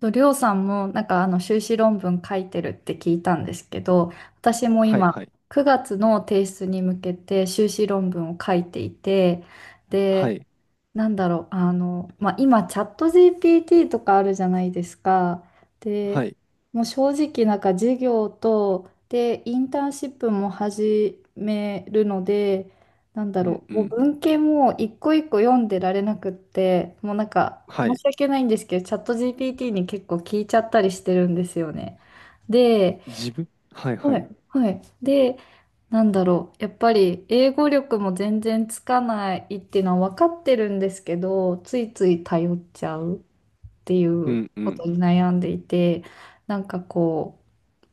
と、りょうさんもなんか修士論文書いてるって聞いたんですけど、私もはい今はい。9月の提出に向けて修士論文を書いていて、はで、い。なんだろう、まあ、今チャット GPT とかあるじゃないですか。はで、い。もう正直なんか授業と、で、インターンシップも始めるので、なんだうんろうう、もうん。文献も一個一個読んでられなくって、もうなんかは申い。し訳ないんですけど、チャット GPT に結構聞いちゃったりしてるんですよね。で、自分はいははい、い。はい。で、なんだろう、やっぱり英語力も全然つかないっていうのは分かってるんですけど、ついつい頼っちゃうっていううんうこん。とに悩んでいて、なんかこ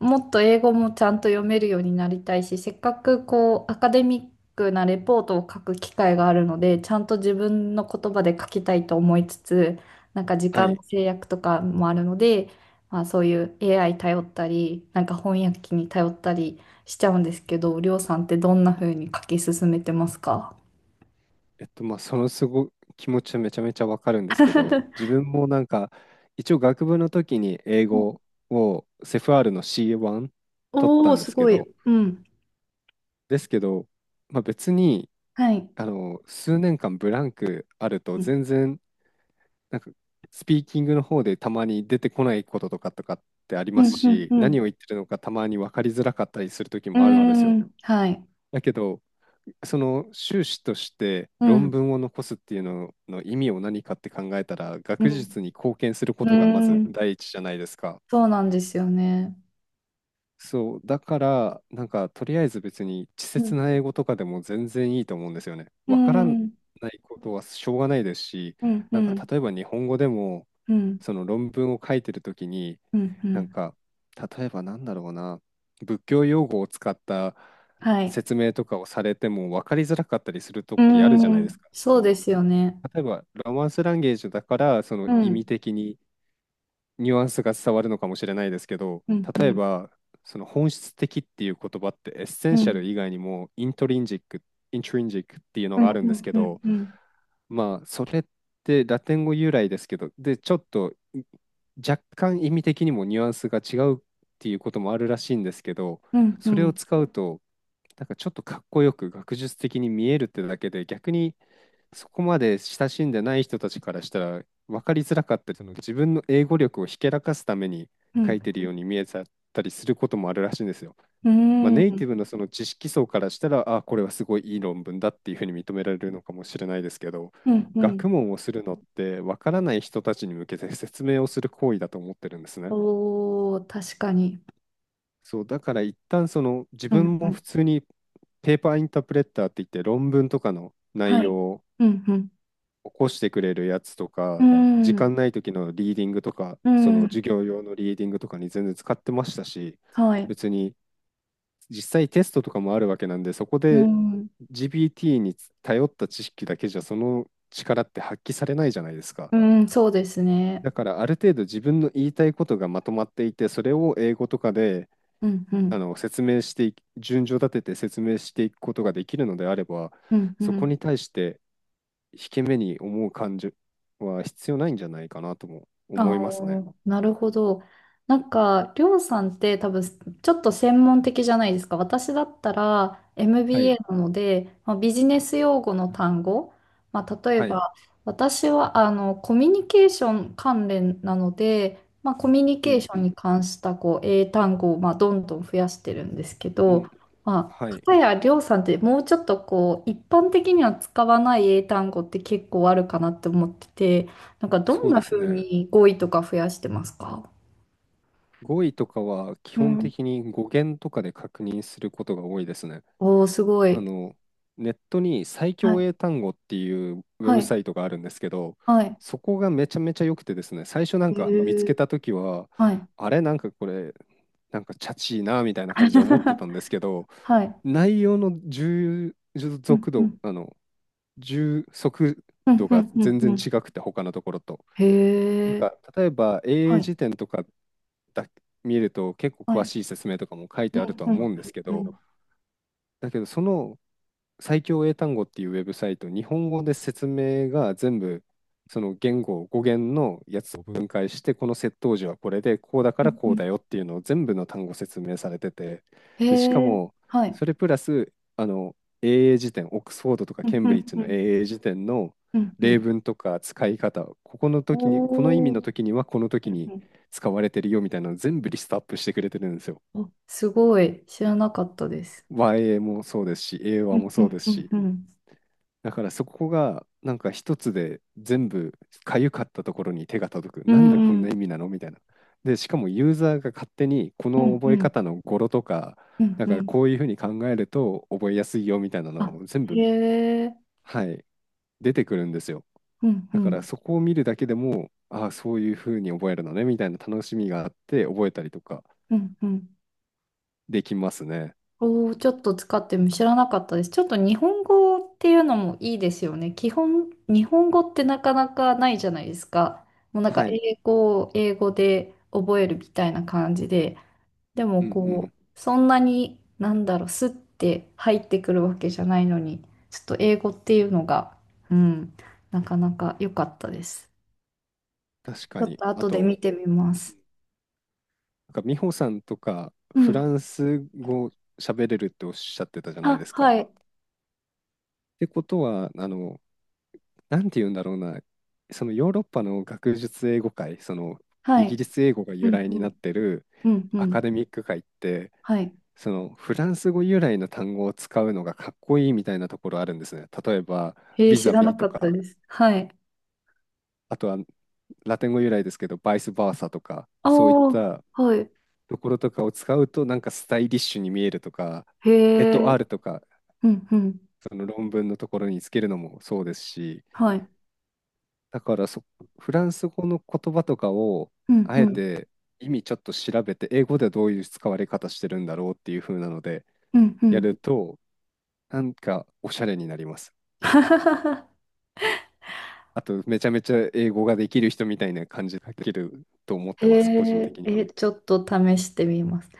う、もっと英語もちゃんと読めるようになりたいし、せっかくこうアカデミックなレポートを書く機会があるので、ちゃんと自分の言葉で書きたいと思いつつ、なんか時は間い。の制約とかもあるので、まあ、そういう AI 頼ったり、なんか翻訳機に頼ったりしちゃうんですけど、りょうさんってどんな風に書き進めてますか？ まあ、その気持ちはめちゃめちゃわかるんですけど、自 分もなんか、一応学部の時に英語をセフ r の C1 取っおたおー、んですすけごど、い。うん。ですけど、まあ、別に、はい。数年間ブランクあると、うん、全然、なんか、スピーキングの方でたまに出てこないこととかってありうまん、うすん、し、う何ん。を言ってるのかたまに分かりづらかったりする時うーもあるんですよ。ん、はい。だけど、その修士としてう論ん、文を残すっていうのの意味を何かって考えたら、う学ん、術に貢献するこうとがまずーん。第一じゃないですか。そうなんですよね。そう、だから、なんか、とりあえず別に、稚う拙ん。な英語とかでも全然いいと思うんですよね。うわからなん、うん、いことはしょうがないですし、うん、うなんか、ん、例えば日本語でも、その論文を書いてるときに、うん、うなんん。か、例えばなんだろうな、仏教用語を使ったはい。説明とかをされても分かりづらかったりするとうきあるじゃないですん、か。そそうのですよね。例えば、ロマンスランゲージだから、そのう意味ん、的に、ニュアンスが伝わるのかもしれないですけど、うん、う例えん、ば、その本質的っていう言葉ってエッセうンシャん、ル以外にもイントリンジックっていうのうん、がうあるんですん、けうん、うん、ど、うん、まあ、それってラテン語由来ですけど、で、ちょっと若干意味的にもニュアンスが違うっていうこともあるらしいんですけど、うん、うそれをん、使うと、なんかちょっとかっこよく学術的に見えるってだけで、逆にそこまで親しんでない人たちからしたら分かりづらかったり、その自分の英語力をひけらかすためにう書ん、いてるように見えちゃったりすることもあるらしいんですよ。まあ、ネイティブのその知識層からしたら、あ、これはすごいいい論文だっていうふうに認められるのかもしれないですけど、うん、う学ん。問をするのってわからない人たちに向けて説明をする行為だと思ってるんですね。おー、確かに。そう、だから一旦その自う分ん、うもん。普通にペーパーインタープレッターって言って論文とかの内は容い。をうん、うん、起こしてくれるやつとうか、時ん、間ない時のリーディングとか、うそのん。授業用のリーディングとかに全然使ってましたし、はい。別に実際テストとかもあるわけなんで、そこうで ん、GPT に頼った知識だけじゃその力って発揮されないじゃないですか。うん、そうですね。だからある程度自分の言いたいことがまとまっていて、それを英語とかでうん、うあん、の説明してい順序立てて説明していくことができるのであれば、うん、うそこん。に対して引け目に思う感情は必要ないんじゃないかなともあ思あ、いますね。なるほど。なんか、りょうさんって多分、ちょっと専門的じゃないですか。私だったら はい。MBA なので、まあ、ビジネス用語の単語、まあ、例えはい。ば、私はコミュニケーション関連なので、まあ、コミュニうケーんシうョンんに関したこう英単語をまあどんどん増やしてるんですけうど、ん。まあ、はい。片やりょうさんってもうちょっとこう一般的には使わない英単語って結構あるかなって思ってて。なんかどそんうでなす風ね。に語彙とか増やしてますか？語彙とかは基う本ん。的に語源とかで確認することが多いですね。おー、すごあい。の、ネットに最は強い。英単語っていうウェはブい。サイトがあるんですけど、はい。そこがめちゃめちゃ良くてですね、最初なんへか見つけー、た時は、はい。あれなんかこれ、なんかチャチいなみたいな感じで思ってた んですけど、はい。内容のうん。足う度、ん。あの、充足うん。度うがん。うん全う然ん。違くて、他のところと。なんへえ。か例えば英は英い。辞典とかだ見ると結構は詳い。しい説明とかも書いうてあるん。とはう思ん。うんですけうど、ん。だけどその最強英単語っていうウェブサイト、日本語で説明が全部、その言語、語源のやつを分解して、この接頭辞はこれで、こうだかうらん。うこうだん、よっていうのを全部の単語説明されてて、へで、しかえ。も、はい。それプラス、英英辞典、オックスフォードとかうケん。ンうブリッん。ジうのん。英英辞典のうんう例ん。文とか使い方、ここの時に、この意味おー、の時にはこのう時んにうん、使われてるよみたいなのを全部リストアップしてくれてるんですよ。おすごい。知らなかったです。和英もそうですし、英う和もんうそうでんすうんし。うんうん。だからそこがなんか一つで全部かゆかったところに手が届く。うなんでこんなん意味なのみたいな。で、しかもユーザーが勝手にこうのん覚うえん方の語呂とか、うんなんうかん、こういうふうに考えると覚えやすいよみたいなのあ、を全へ部、え、はい、出てくるんですよ。うんうだからんそこを見るだけでも、ああ、そういうふうに覚えるのねみたいな楽しみがあって覚えたりとかうんうん。できますね。おお、ちょっと使っても知らなかったです。ちょっと日本語っていうのもいいですよね。基本、日本語ってなかなかないじゃないですか。もうなんかはい。英語を英語で覚えるみたいな感じで。でもうんうこん。う、そんなに、なんだろう、スッて入ってくるわけじゃないのに、ちょっと英語っていうのが、うん、なかなか良かったです。確ちかょっに。とあ後でと、見てみます。なんか美穂さんとかうフラん。ンス語喋れるっておっしゃってたじゃないであ、すはか。っい、てことは、なんて言うんだろうな、そのヨーロッパの学術英語界、そのはイギい。リス英語がう由ん来にうなっん、てるうんうアカん、デミック界って、はい。そのフランス語由来の単語を使うのがかっこいいみたいなところあるんですね。例えば、へえー、ビ知ザらなビとかったか、です。はい。あとはラテン語由来ですけど、バイスバーサとか、あそういっあ、たはい。ところとかを使うと、なんかスタイリッシュに見えるとか、へエえ、トアールとかうんうん。その論文のところにつけるのもそうですし、はい。だから、フランス語の言葉とかを、うんあうえん。て意味ちょっと調べて、英語ではどういう使われ方してるんだろうっていう風なので、うんうやん。ると、なんかおしゃれになります。あと、めちゃめちゃ英語ができる人みたいな感じができると思っへてます、個人的え、には。え、ちょっと試してみます。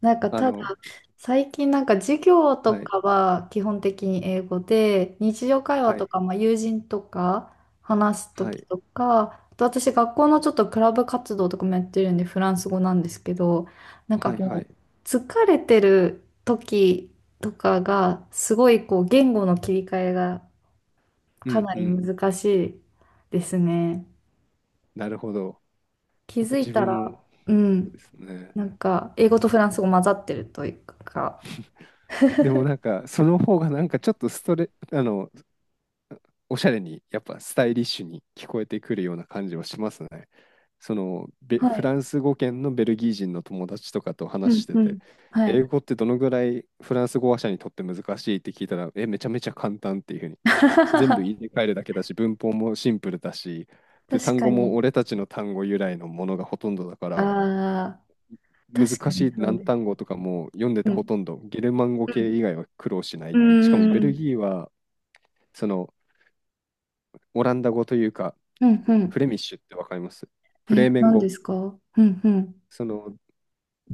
なんかあただ、の、最近なんか授業はとい、かは基本的に英語で、日常会話はとい、か、まあ、友人とか話すは時い、とか、あと私学校のちょっとクラブ活動とかもやってるんでフランス語なんですけど、なんかはい、はもい。う疲れてる時とかがすごいこう言語の切り替えがうかんなうりん。難しいですね。なるほど。気なんかづい自た分ら、も、うそうん。ですね。なんか、英語とフランス語混ざってるというか、でもなんか、その方がなんかちょっとストレ、あの、おしゃれに、やっぱスタイリッシュに聞こえてくるような感じはしますね。その、ベはフい。ランス語圏のベルギー人の友達とかとう話しんてうん。て、はい。英語ってどのぐらいフランス語話者にとって難しいって聞いたら、え、めちゃめちゃ簡単っていうふうに。全 部入れ替えるだけだし、文法もシンプルだし、で、確単か語もに。俺たちの単語由来のものがほとんどだかあら、あ、確難かしにいそう難です。単語とかも読んでうてほとん。んどゲルマン語う系ん。以外は苦労しなうーい。しかもベルん。ギーはそのオランダ語というかうんうフん。レミッシュってわかりますフレえ、ーメン何で語。すか？うんうん。その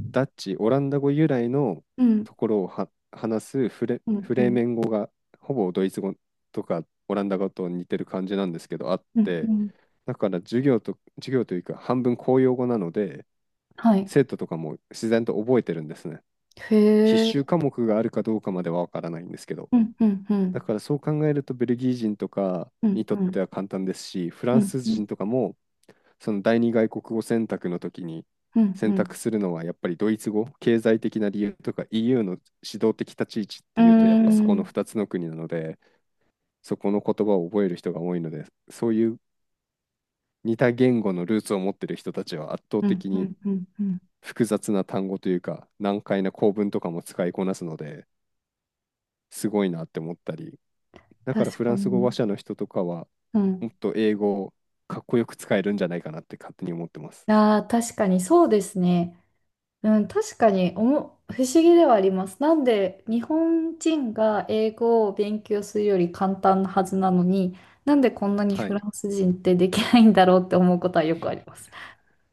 ダッチ、オランダ語由来のうん。ところをは話すフレ、うんフうレーん。メン語がほぼドイツ語とかオランダ語と似てる感じなんですけど、あっうんうて、ん。だから授業というか半分公用語なので、はい。生徒とかも自然と覚えてるんですね。必へえ。修科目があるかどうかまではわからないんですけど、うんうんうだん。からそう考えるとベルギー人とかうにんうとってん。は簡単ですし、フラうンんスうん。人とかもその第二外国語選択の時にうんう選ん。択するのはやっぱりドイツ語、経済的な理由とか EU の指導的立ち位置っうてーいうと、やっぱそこのん。2つの国なので、そこの言葉を覚える人が多いので、そういう似た言語のルーツを持ってる人たちは圧倒うん的うにんうんうん。複雑な単語というか難解な構文とかも使いこなすので、すごいなって思ったり、だから確フラかンス語話に。者の人とかはうもん。っと英語をかっこよく使えるんじゃないかなって勝手に思ってます。ああ、確かにそうですね。うん、確かにおも、不思議ではあります。なんで日本人が英語を勉強するより簡単なはずなのに、なんでこんなにはフラい。ンス人ってできないんだろうって思うことはよくあります。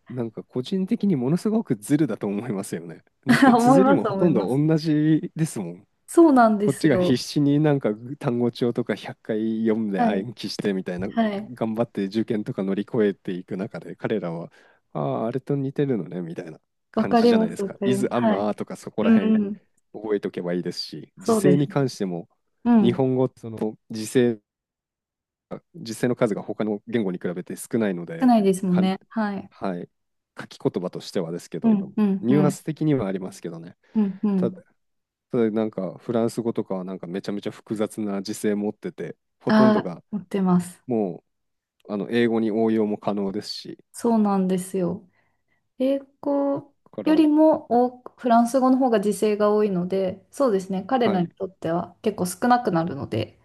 なんか個人的にものすごくズルだと思いますよね。だって 思い綴りまもす、ほ思といんまどす。同じですもん。そうなんでこっすちが必よ。死になんか単語帳とか100回読んではい、暗記してみたいな、はい。頑張って受験とか乗り越えていく中で彼らは、ああ、あれと似てるのねみたいなわ感かじりじゃなまいです、すわか。かりま is す。am はい。are とかそこうらん辺うん、覚えとけばいいですし、時そう制です。に関してもう日ん。本語時制実際の数が他の言語に比べて少ないの少で、ないですもんかん、ね。はい。はい、書き言葉としてはですけうど、ん、うん、うニュアンん、ス的にはありますけどね。うん、うた、ん。ただなんかフランス語とかはなんかめちゃめちゃ複雑な時制持ってて、ほとんあどあ、が持ってます。もう英語に応用も可能ですし、そうなんですよ。英語だかよら、りも多くフランス語の方が時制が多いので、そうですね、彼はらにい。とっては結構少なくなるので、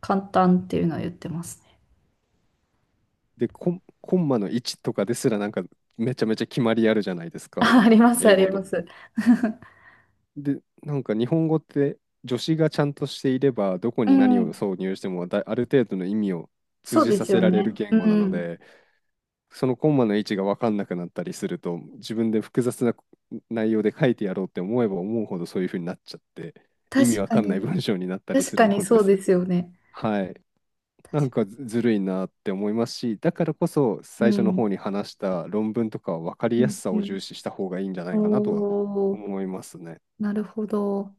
簡単っていうのは言ってますね。で、コンマの位置とかですらなんかめちゃめちゃ決まりあるじゃないです か。あ、あります、英あ語りと。ます。で、なんか日本語って助詞がちゃんとしていれば、どこうに何をん、挿入してもだ、ある程度の意味を通そうじでさすせよられね。るう言語なのん、で、そのコンマの位置が分かんなくなったりすると、自分で複雑な内容で書いてやろうって思えば思うほどそういう風になっちゃって、意味確わかかんないに、文章になったり確するかにのでそうす。ですよね。はい。確なんかか、ずるいなって思いますし、だからこそう最初のん、方に話した論文とかは分かりうやん、すさうをん。重視した方がいいんじゃないかなとはおー、思いますね。なるほど。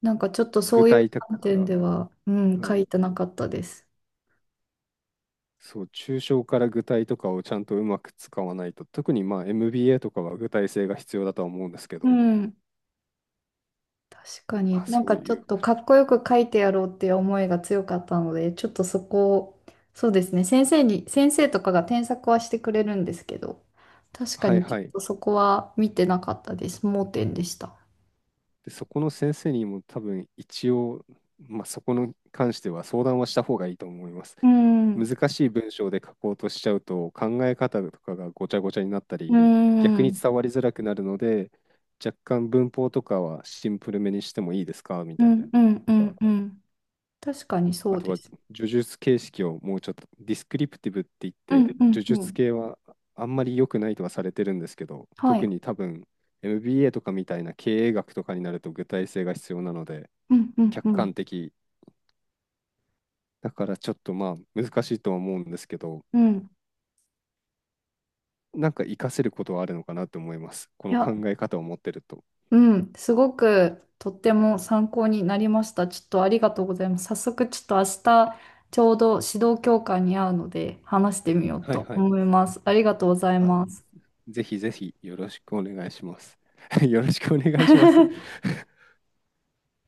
なんかちょっとそ具ういう体的だ観か点ら。では、うん、は書い。いてなかったです。そう、抽象から具体とかをちゃんとうまく使わないと、特にまあ MBA とかは具体性が必要だとは思うんですけうど、ん。確かまにあなんそうかちょいっう、とかっこよく書いてやろうっていう思いが強かったので、ちょっとそこを、そうですね、先生に、先生とかが添削はしてくれるんですけど、確かはいにちょはっい。とそこは見てなかったです。盲点でした。で、そこの先生にも多分一応、まあそこに関しては相談はした方がいいと思います。うん、うん、難しい文章で書こうとしちゃうと考え方とかがごちゃごちゃになったうり、逆にん、伝わりづらくなるので、若干文法とかはシンプルめにしてもいいですかみうたいん、うん、うな。んうん。確かにそあうとではす。叙述形式をもうちょっと、ディスクリプティブって言っうん、て、う叙ん、う述ん。系はあんまり良くないとはされてるんですけど、は特い。に多分 MBA とかみたいな経営学とかになると具体性が必要なので、うん、うん、客うん。観的。だからちょっとまあ難しいとは思うんですけど、うん。なんか活かせることはあるのかなと思います。こいの考や、え方を持ってると。うん、すごくとっても参考になりました。ちょっとありがとうございます。早速ちょっと明日ちょうど指導教官に会うので話してみようはいとはい。思います。ありがとうございあ、ます。ぜひぜひよろしくお願いします。よろしくお願いします。